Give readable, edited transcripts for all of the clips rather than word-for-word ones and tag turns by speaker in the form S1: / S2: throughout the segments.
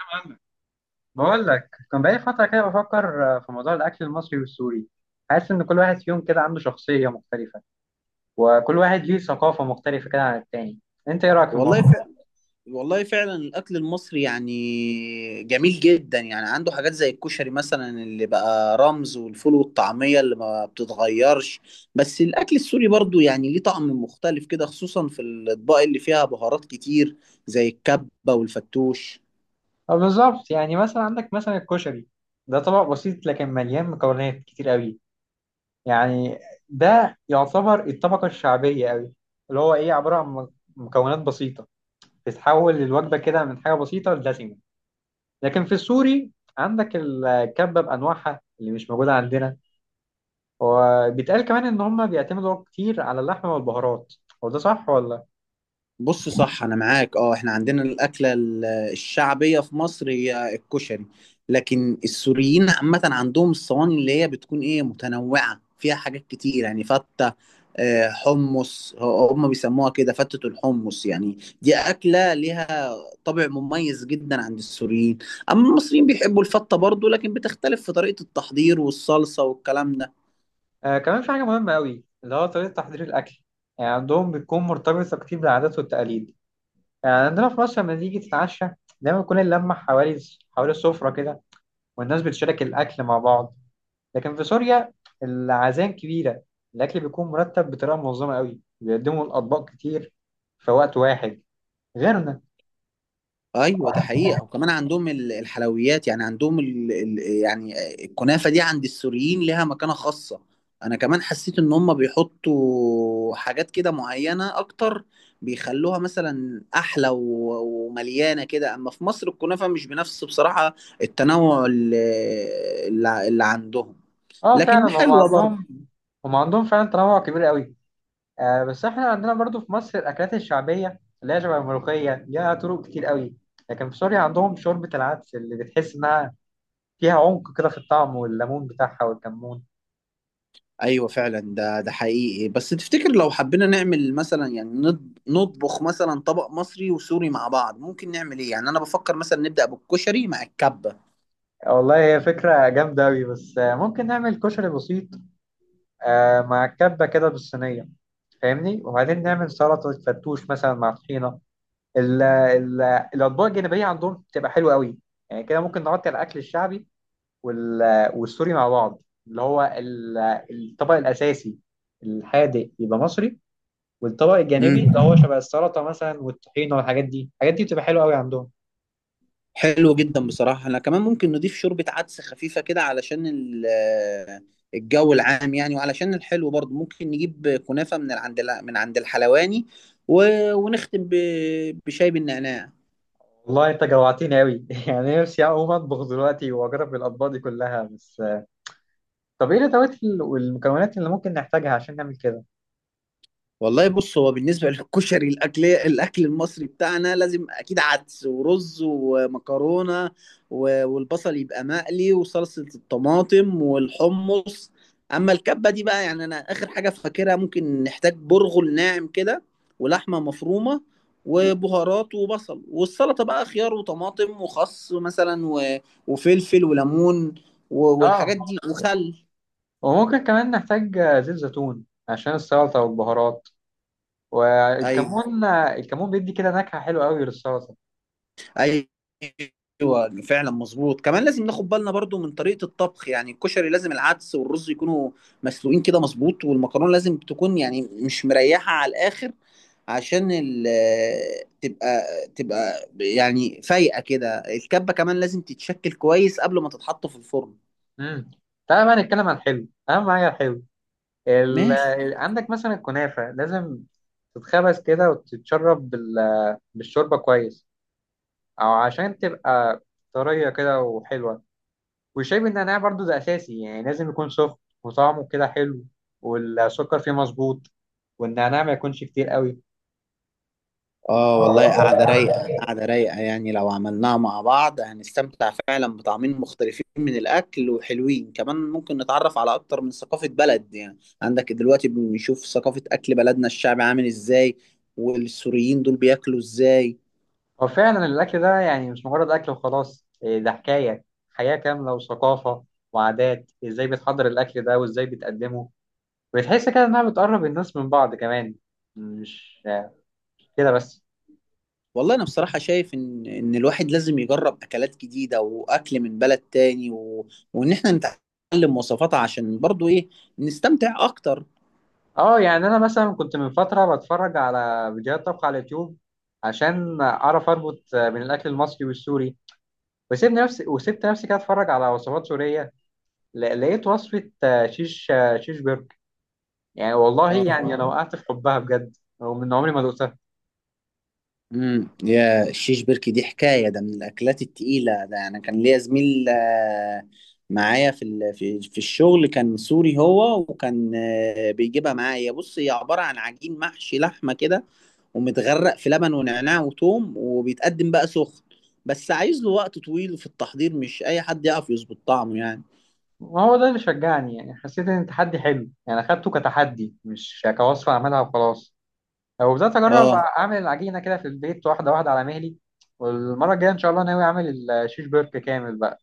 S1: فاهمك. بقول لك كان بقالي فترة كده بفكر في موضوع الأكل المصري والسوري. حاسس إن كل واحد فيهم كده عنده شخصية مختلفة، وكل واحد ليه ثقافة مختلفة كده عن التاني. أنت إيه رأيك في
S2: والله ف...
S1: الموضوع؟
S2: والله فعلا الاكل المصري يعني جميل جدا، يعني عنده حاجات زي الكشري مثلا اللي بقى رمز، والفول والطعميه اللي ما بتتغيرش. بس الاكل السوري برضو يعني ليه طعم مختلف كده، خصوصا في الاطباق اللي فيها بهارات كتير زي الكبه والفتوش.
S1: بالظبط. يعني مثلا عندك مثلا الكشري، ده طبق بسيط لكن مليان مكونات كتير قوي. يعني ده يعتبر الطبقة الشعبية قوي، اللي هو إيه عبارة عن مكونات بسيطة بتتحول الوجبة كده من حاجة بسيطة لدسمة. لكن في السوري عندك الكبة بأنواعها اللي مش موجودة عندنا، وبيتقال كمان ان هم بيعتمدوا كتير على اللحمه والبهارات. هو ده صح ولا؟
S2: بص صح، انا معاك. اه احنا عندنا الاكله الشعبيه في مصر هي الكشري، لكن السوريين عامه عندهم الصواني اللي هي بتكون ايه متنوعه فيها حاجات كتير يعني فته. حمص هم بيسموها كده فتة الحمص. يعني دي أكلة ليها طابع مميز جدا عند السوريين. أما المصريين بيحبوا الفتة برضو، لكن بتختلف في طريقة التحضير والصلصة والكلام ده.
S1: آه كمان في حاجه مهمه قوي اللي هو طريقه تحضير الاكل. يعني عندهم بتكون مرتبطه كتير بالعادات والتقاليد. يعني عندنا في مصر لما تيجي تتعشى دايما بتكون اللمه حوالي السفره كده، والناس بتشارك الاكل مع بعض. لكن في سوريا العزائم كبيره، الاكل بيكون مرتب بطريقه منظمه قوي، بيقدموا الاطباق كتير في وقت واحد، غيرنا.
S2: ايوه ده حقيقه. وكمان عندهم الحلويات، يعني عندهم يعني الكنافه دي عند السوريين لها مكانه خاصه. انا كمان حسيت ان هم بيحطوا حاجات كده معينه اكتر، بيخلوها مثلا احلى ومليانه كده. اما في مصر الكنافه مش بنفس بصراحه التنوع اللي عندهم،
S1: اه فعلا
S2: لكن
S1: هم
S2: حلوه برضه.
S1: عندهم، هم عندهم فعلا تنوع كبير قوي. آه بس احنا عندنا برضو في مصر الاكلات الشعبيه اللي هي شبه الملوخيه ليها طرق كتير قوي. لكن في سوريا عندهم شوربه العدس اللي بتحس انها فيها عمق كده في الطعم، والليمون بتاعها والكمون.
S2: ايوه فعلا، ده حقيقي. بس تفتكر لو حبينا نعمل مثلا يعني نطبخ مثلا طبق مصري وسوري مع بعض، ممكن نعمل ايه؟ يعني انا بفكر مثلا نبدأ بالكشري مع الكبة.
S1: والله هي فكره جامده قوي، بس آه ممكن نعمل كشري بسيط، آه مع كبه كده بالصينيه، فاهمني، وبعدين نعمل سلطه فرتوش مثلا مع طحينه. ال- ال- الاطباق الجانبيه عندهم بتبقى حلوه قوي. يعني كده ممكن نغطي على الاكل الشعبي والسوري مع بعض، اللي هو ال- الطبق الأساسي الحادق يبقى مصري، والطبق الجانبي
S2: امم،
S1: اللي هو شبه السلطة مثلا والطحينة، والحاجات دي الحاجات دي بتبقى حلوة قوي عندهم.
S2: حلو جدا بصراحة. انا كمان ممكن نضيف شوربة عدس خفيفة كده علشان الجو العام يعني، وعلشان الحلو برضه ممكن نجيب كنافة من عند الحلواني، ونختم بشاي بالنعناع.
S1: والله انت جوعتني قوي يعني نفسي اقوم اطبخ دلوقتي واجرب الاطباق دي كلها. بس طب ايه الادوات والمكونات اللي ممكن نحتاجها عشان نعمل كده؟
S2: والله بص، هو بالنسبة للكشري، الأكل المصري بتاعنا لازم أكيد عدس ورز ومكرونة، والبصل يبقى مقلي وصلصة الطماطم والحمص. أما الكبة دي بقى، يعني أنا آخر حاجة فاكرها، ممكن نحتاج برغل ناعم كده ولحمة مفرومة وبهارات وبصل. والسلطة بقى خيار وطماطم وخس مثلا وفلفل وليمون
S1: اه،
S2: والحاجات دي وخل.
S1: وممكن كمان نحتاج زيت زيتون عشان السلطة والبهارات
S2: أيوه،
S1: والكمون. الكمون بيدي كده نكهة حلوة قوي للسلطة.
S2: ايوه فعلا مظبوط. كمان لازم ناخد بالنا برضو من طريقه الطبخ، يعني الكشري لازم العدس والرز يكونوا مسلوقين كده مظبوط، والمكرونه لازم تكون يعني مش مريحه على الاخر، عشان تبقى تبقى يعني فايقه كده. الكبه كمان لازم تتشكل كويس قبل ما تتحط في الفرن.
S1: امم تعالى بقى نتكلم عن الحلو، اهم حاجه الحلو. عندك مثلا الكنافه لازم تتخبز كده وتتشرب بالشوربه كويس، او عشان تبقى طريه كده وحلوه. والشاي بالنعناع برضو ده اساسي، يعني لازم يكون سخن، وطعمه كده حلو، والسكر فيه مظبوط، والنعناع ما يكونش كتير قوي.
S2: اه والله قاعدة رايقة، قاعدة رايقة. يعني لو عملناها مع بعض هنستمتع فعلا بطعمين مختلفين من الأكل وحلوين، كمان ممكن نتعرف على أكتر من ثقافة بلد. يعني عندك دلوقتي بنشوف ثقافة أكل بلدنا، الشعب عامل إزاي، والسوريين دول بياكلوا إزاي.
S1: هو فعلا الاكل ده يعني مش مجرد اكل وخلاص، إيه ده حكايه، حياه كامله وثقافه وعادات، ازاي بتحضر الاكل ده وازاي بتقدمه. بتحس كده انها بتقرب الناس من بعض كمان، مش مش كده بس.
S2: والله أنا بصراحة شايف إن الواحد لازم يجرب أكلات جديدة وأكل من بلد تاني وإن إحنا نتعلم وصفاتها عشان برضو إيه، نستمتع أكتر.
S1: اه يعني انا مثلا كنت من فتره بتفرج على فيديوهات طبخ على اليوتيوب عشان اعرف اربط بين الاكل المصري والسوري. وسيبني نفسي وسبت نفسي كده اتفرج على وصفات سوريه. لقيت وصفه شيش، شيش برجر. يعني والله
S2: اه.
S1: يعني انا وقعت في حبها بجد، ومن عمري ما دقتها.
S2: يا الشيش بركي دي حكايه، ده من الاكلات التقيله. ده انا كان ليا زميل معايا في ال- في في الشغل كان سوري هو، وكان بيجيبها معايا. بص هي عباره عن عجين محشي لحمه كده، ومتغرق في لبن ونعناع وتوم، وبيتقدم بقى سخن. بس عايز له وقت طويل في التحضير، مش اي حد يعرف يظبط طعمه يعني.
S1: ما هو ده اللي شجعني، يعني حسيت ان التحدي حلو، يعني اخدته كتحدي مش كوصفه اعملها وخلاص. وبدأت أجرب
S2: اه
S1: أعمل العجينة كده في البيت، واحدة واحدة على مهلي. والمرة الجاية إن شاء الله ناوي أعمل الشيش برك كامل بقى.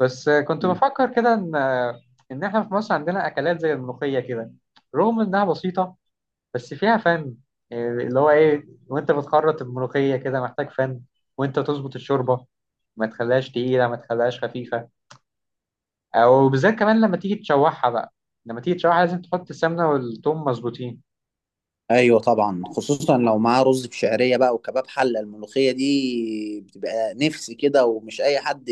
S1: بس كنت بفكر كده إن، إحنا في مصر عندنا أكلات زي الملوخية كده، رغم إنها بسيطة بس فيها فن. إيه اللي هو إيه، وأنت بتخرط الملوخية كده محتاج فن، وأنت تظبط الشوربة، ما تخليهاش تقيلة ما تخليهاش خفيفة. أو بالذات كمان لما تيجي تشوحها لازم تحط السمنة والثوم مظبوطين.
S2: ايوه طبعا، خصوصا لو معاه رز بشعريه بقى وكباب حله، الملوخيه دي بتبقى نفس كده، ومش اي حد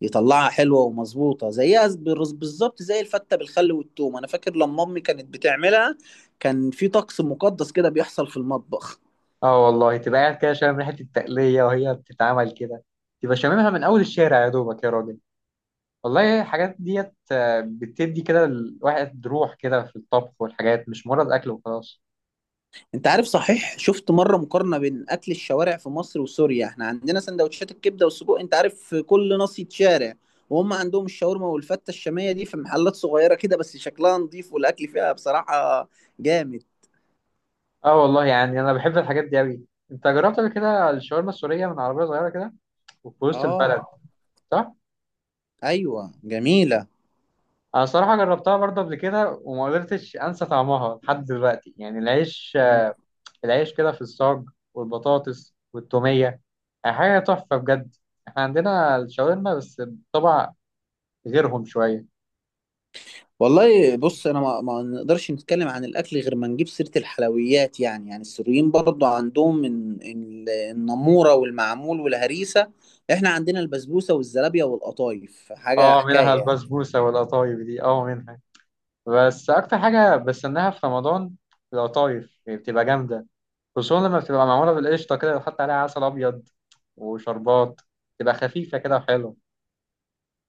S2: يطلعها حلوه ومظبوطه زيها. بالظبط زي الفته بالخل والثوم. انا فاكر لما امي كانت بتعملها كان في طقس مقدس كده بيحصل في المطبخ.
S1: اه والله، تبقى قاعد كده شامم ريحة التقلية وهي بتتعمل كده، تبقى شاممها من أول الشارع يا دوبك يا راجل. والله الحاجات ديت بتدي كده الواحد روح كده في الطبخ، والحاجات مش مجرد أكل وخلاص.
S2: انت عارف، صحيح شفت مره مقارنه بين اكل الشوارع في مصر وسوريا؟ احنا عندنا سندوتشات الكبده والسجق، انت عارف، في كل ناصيه شارع، وهم عندهم الشاورما والفته الشاميه دي في محلات صغيره كده، بس شكلها نظيف والاكل فيها بصراحه جامد.
S1: اه والله يعني أنا بحب الحاجات دي أوي. أنت جربت قبل كده الشاورما السورية من عربية صغيرة كده وفي وسط البلد،
S2: اه
S1: صح؟
S2: ايوه جميله.
S1: أنا صراحة جربتها برضه قبل كده، وما قدرتش أنسى طعمها لحد دلوقتي. يعني العيش
S2: مم.
S1: العيش كده في الصاج، والبطاطس والتومية، حاجة تحفة بجد. احنا عندنا الشاورما بس بطبع غيرهم شوية.
S2: والله بص، انا ما نقدرش نتكلم عن الاكل غير ما نجيب سيره الحلويات. يعني السوريين برضو عندهم النموره والمعمول والهريسه، احنا عندنا البسبوسه والزلابيه والقطايف، حاجه
S1: اه
S2: حكايه
S1: منها
S2: يعني.
S1: البسبوسة والقطايف، دي اه منها. بس أكتر حاجة بستناها في رمضان القطايف، يعني بتبقى جامدة، خصوصا لما بتبقى معمولة بالقشطة كده وتحط عليها عسل أبيض وشربات، تبقى خفيفة كده وحلوة.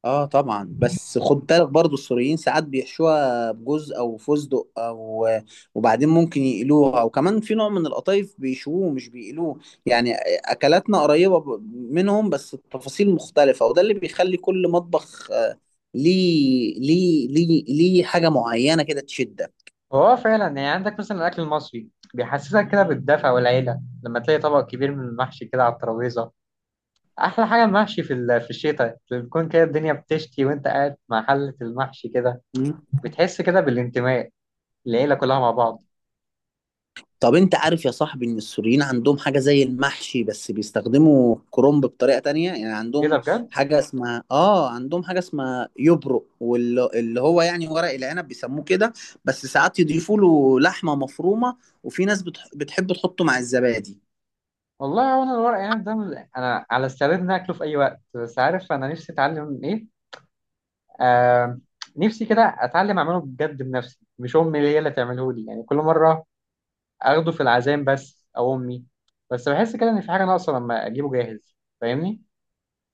S2: اه طبعا، بس خد بالك برضو السوريين ساعات بيحشوها بجوز او فستق او، وبعدين ممكن يقلوها، وكمان في نوع من القطايف بيشووه مش بيقلوه يعني. اكلاتنا قريبة منهم بس التفاصيل مختلفة، وده اللي بيخلي كل مطبخ ليه حاجة معينة كده تشدك.
S1: هو فعلا يعني عندك مثلا الأكل المصري بيحسسك كده بالدفء والعيلة، لما تلاقي طبق كبير من المحشي كده على الترابيزة. احلى حاجه المحشي في في الشتاء، لما بتكون كده الدنيا بتشتي وانت قاعد مع حله المحشي كده، بتحس كده بالانتماء، العيله كلها مع بعض.
S2: طب انت عارف يا صاحبي ان السوريين عندهم حاجة زي المحشي بس بيستخدموا كرنب بطريقة تانية؟ يعني
S1: ايه ده بجد؟
S2: عندهم حاجة اسمها يبرق، واللي هو يعني ورق العنب بيسموه كده. بس ساعات يضيفوا له لحمة مفرومة، وفي ناس بتحب تحطه مع الزبادي.
S1: والله وانا الورق عنب ده انا على استعداد اني اكله في اي وقت. بس عارف انا نفسي اتعلم ايه، آه، نفسي كده اتعلم اعمله بجد بنفسي، مش امي اللي هي اللي تعمله لي يعني كل مره اخده في العزايم بس او امي، بس بحس كده ان في حاجه ناقصه لما اجيبه جاهز، فاهمني؟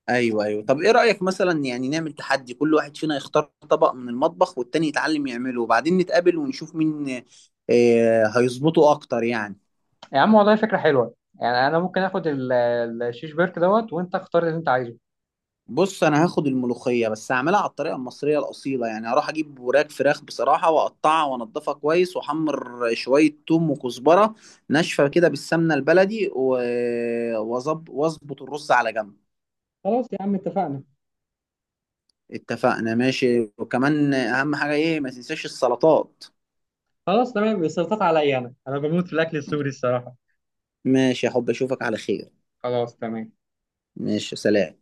S2: ايوه ايوه، طب ايه رأيك مثلا يعني نعمل تحدي؟ كل واحد فينا يختار طبق من المطبخ والتاني يتعلم يعمله وبعدين نتقابل ونشوف مين هيظبطه اكتر يعني.
S1: يا عم والله فكرة حلوة، يعني أنا ممكن آخد الشيش بيرك دوت، وأنت اختار اللي أنت عايزه.
S2: بص انا هاخد الملوخيه، بس هعملها على الطريقه المصريه الاصيله يعني. هروح اجيب وراك فراخ بصراحه واقطعها وانضفها كويس، واحمر شويه توم وكزبره ناشفه كده بالسمنه البلدي واظبط الرز على جنب.
S1: خلاص يا عم اتفقنا.
S2: اتفقنا ماشي. وكمان اهم حاجه، ايه؟ ما تنساش السلطات.
S1: خلاص تمام، السلطات عليا، انا بموت في الاكل السوري الصراحه.
S2: ماشي يا حب، اشوفك على خير.
S1: خلاص تمام.
S2: ماشي، سلام.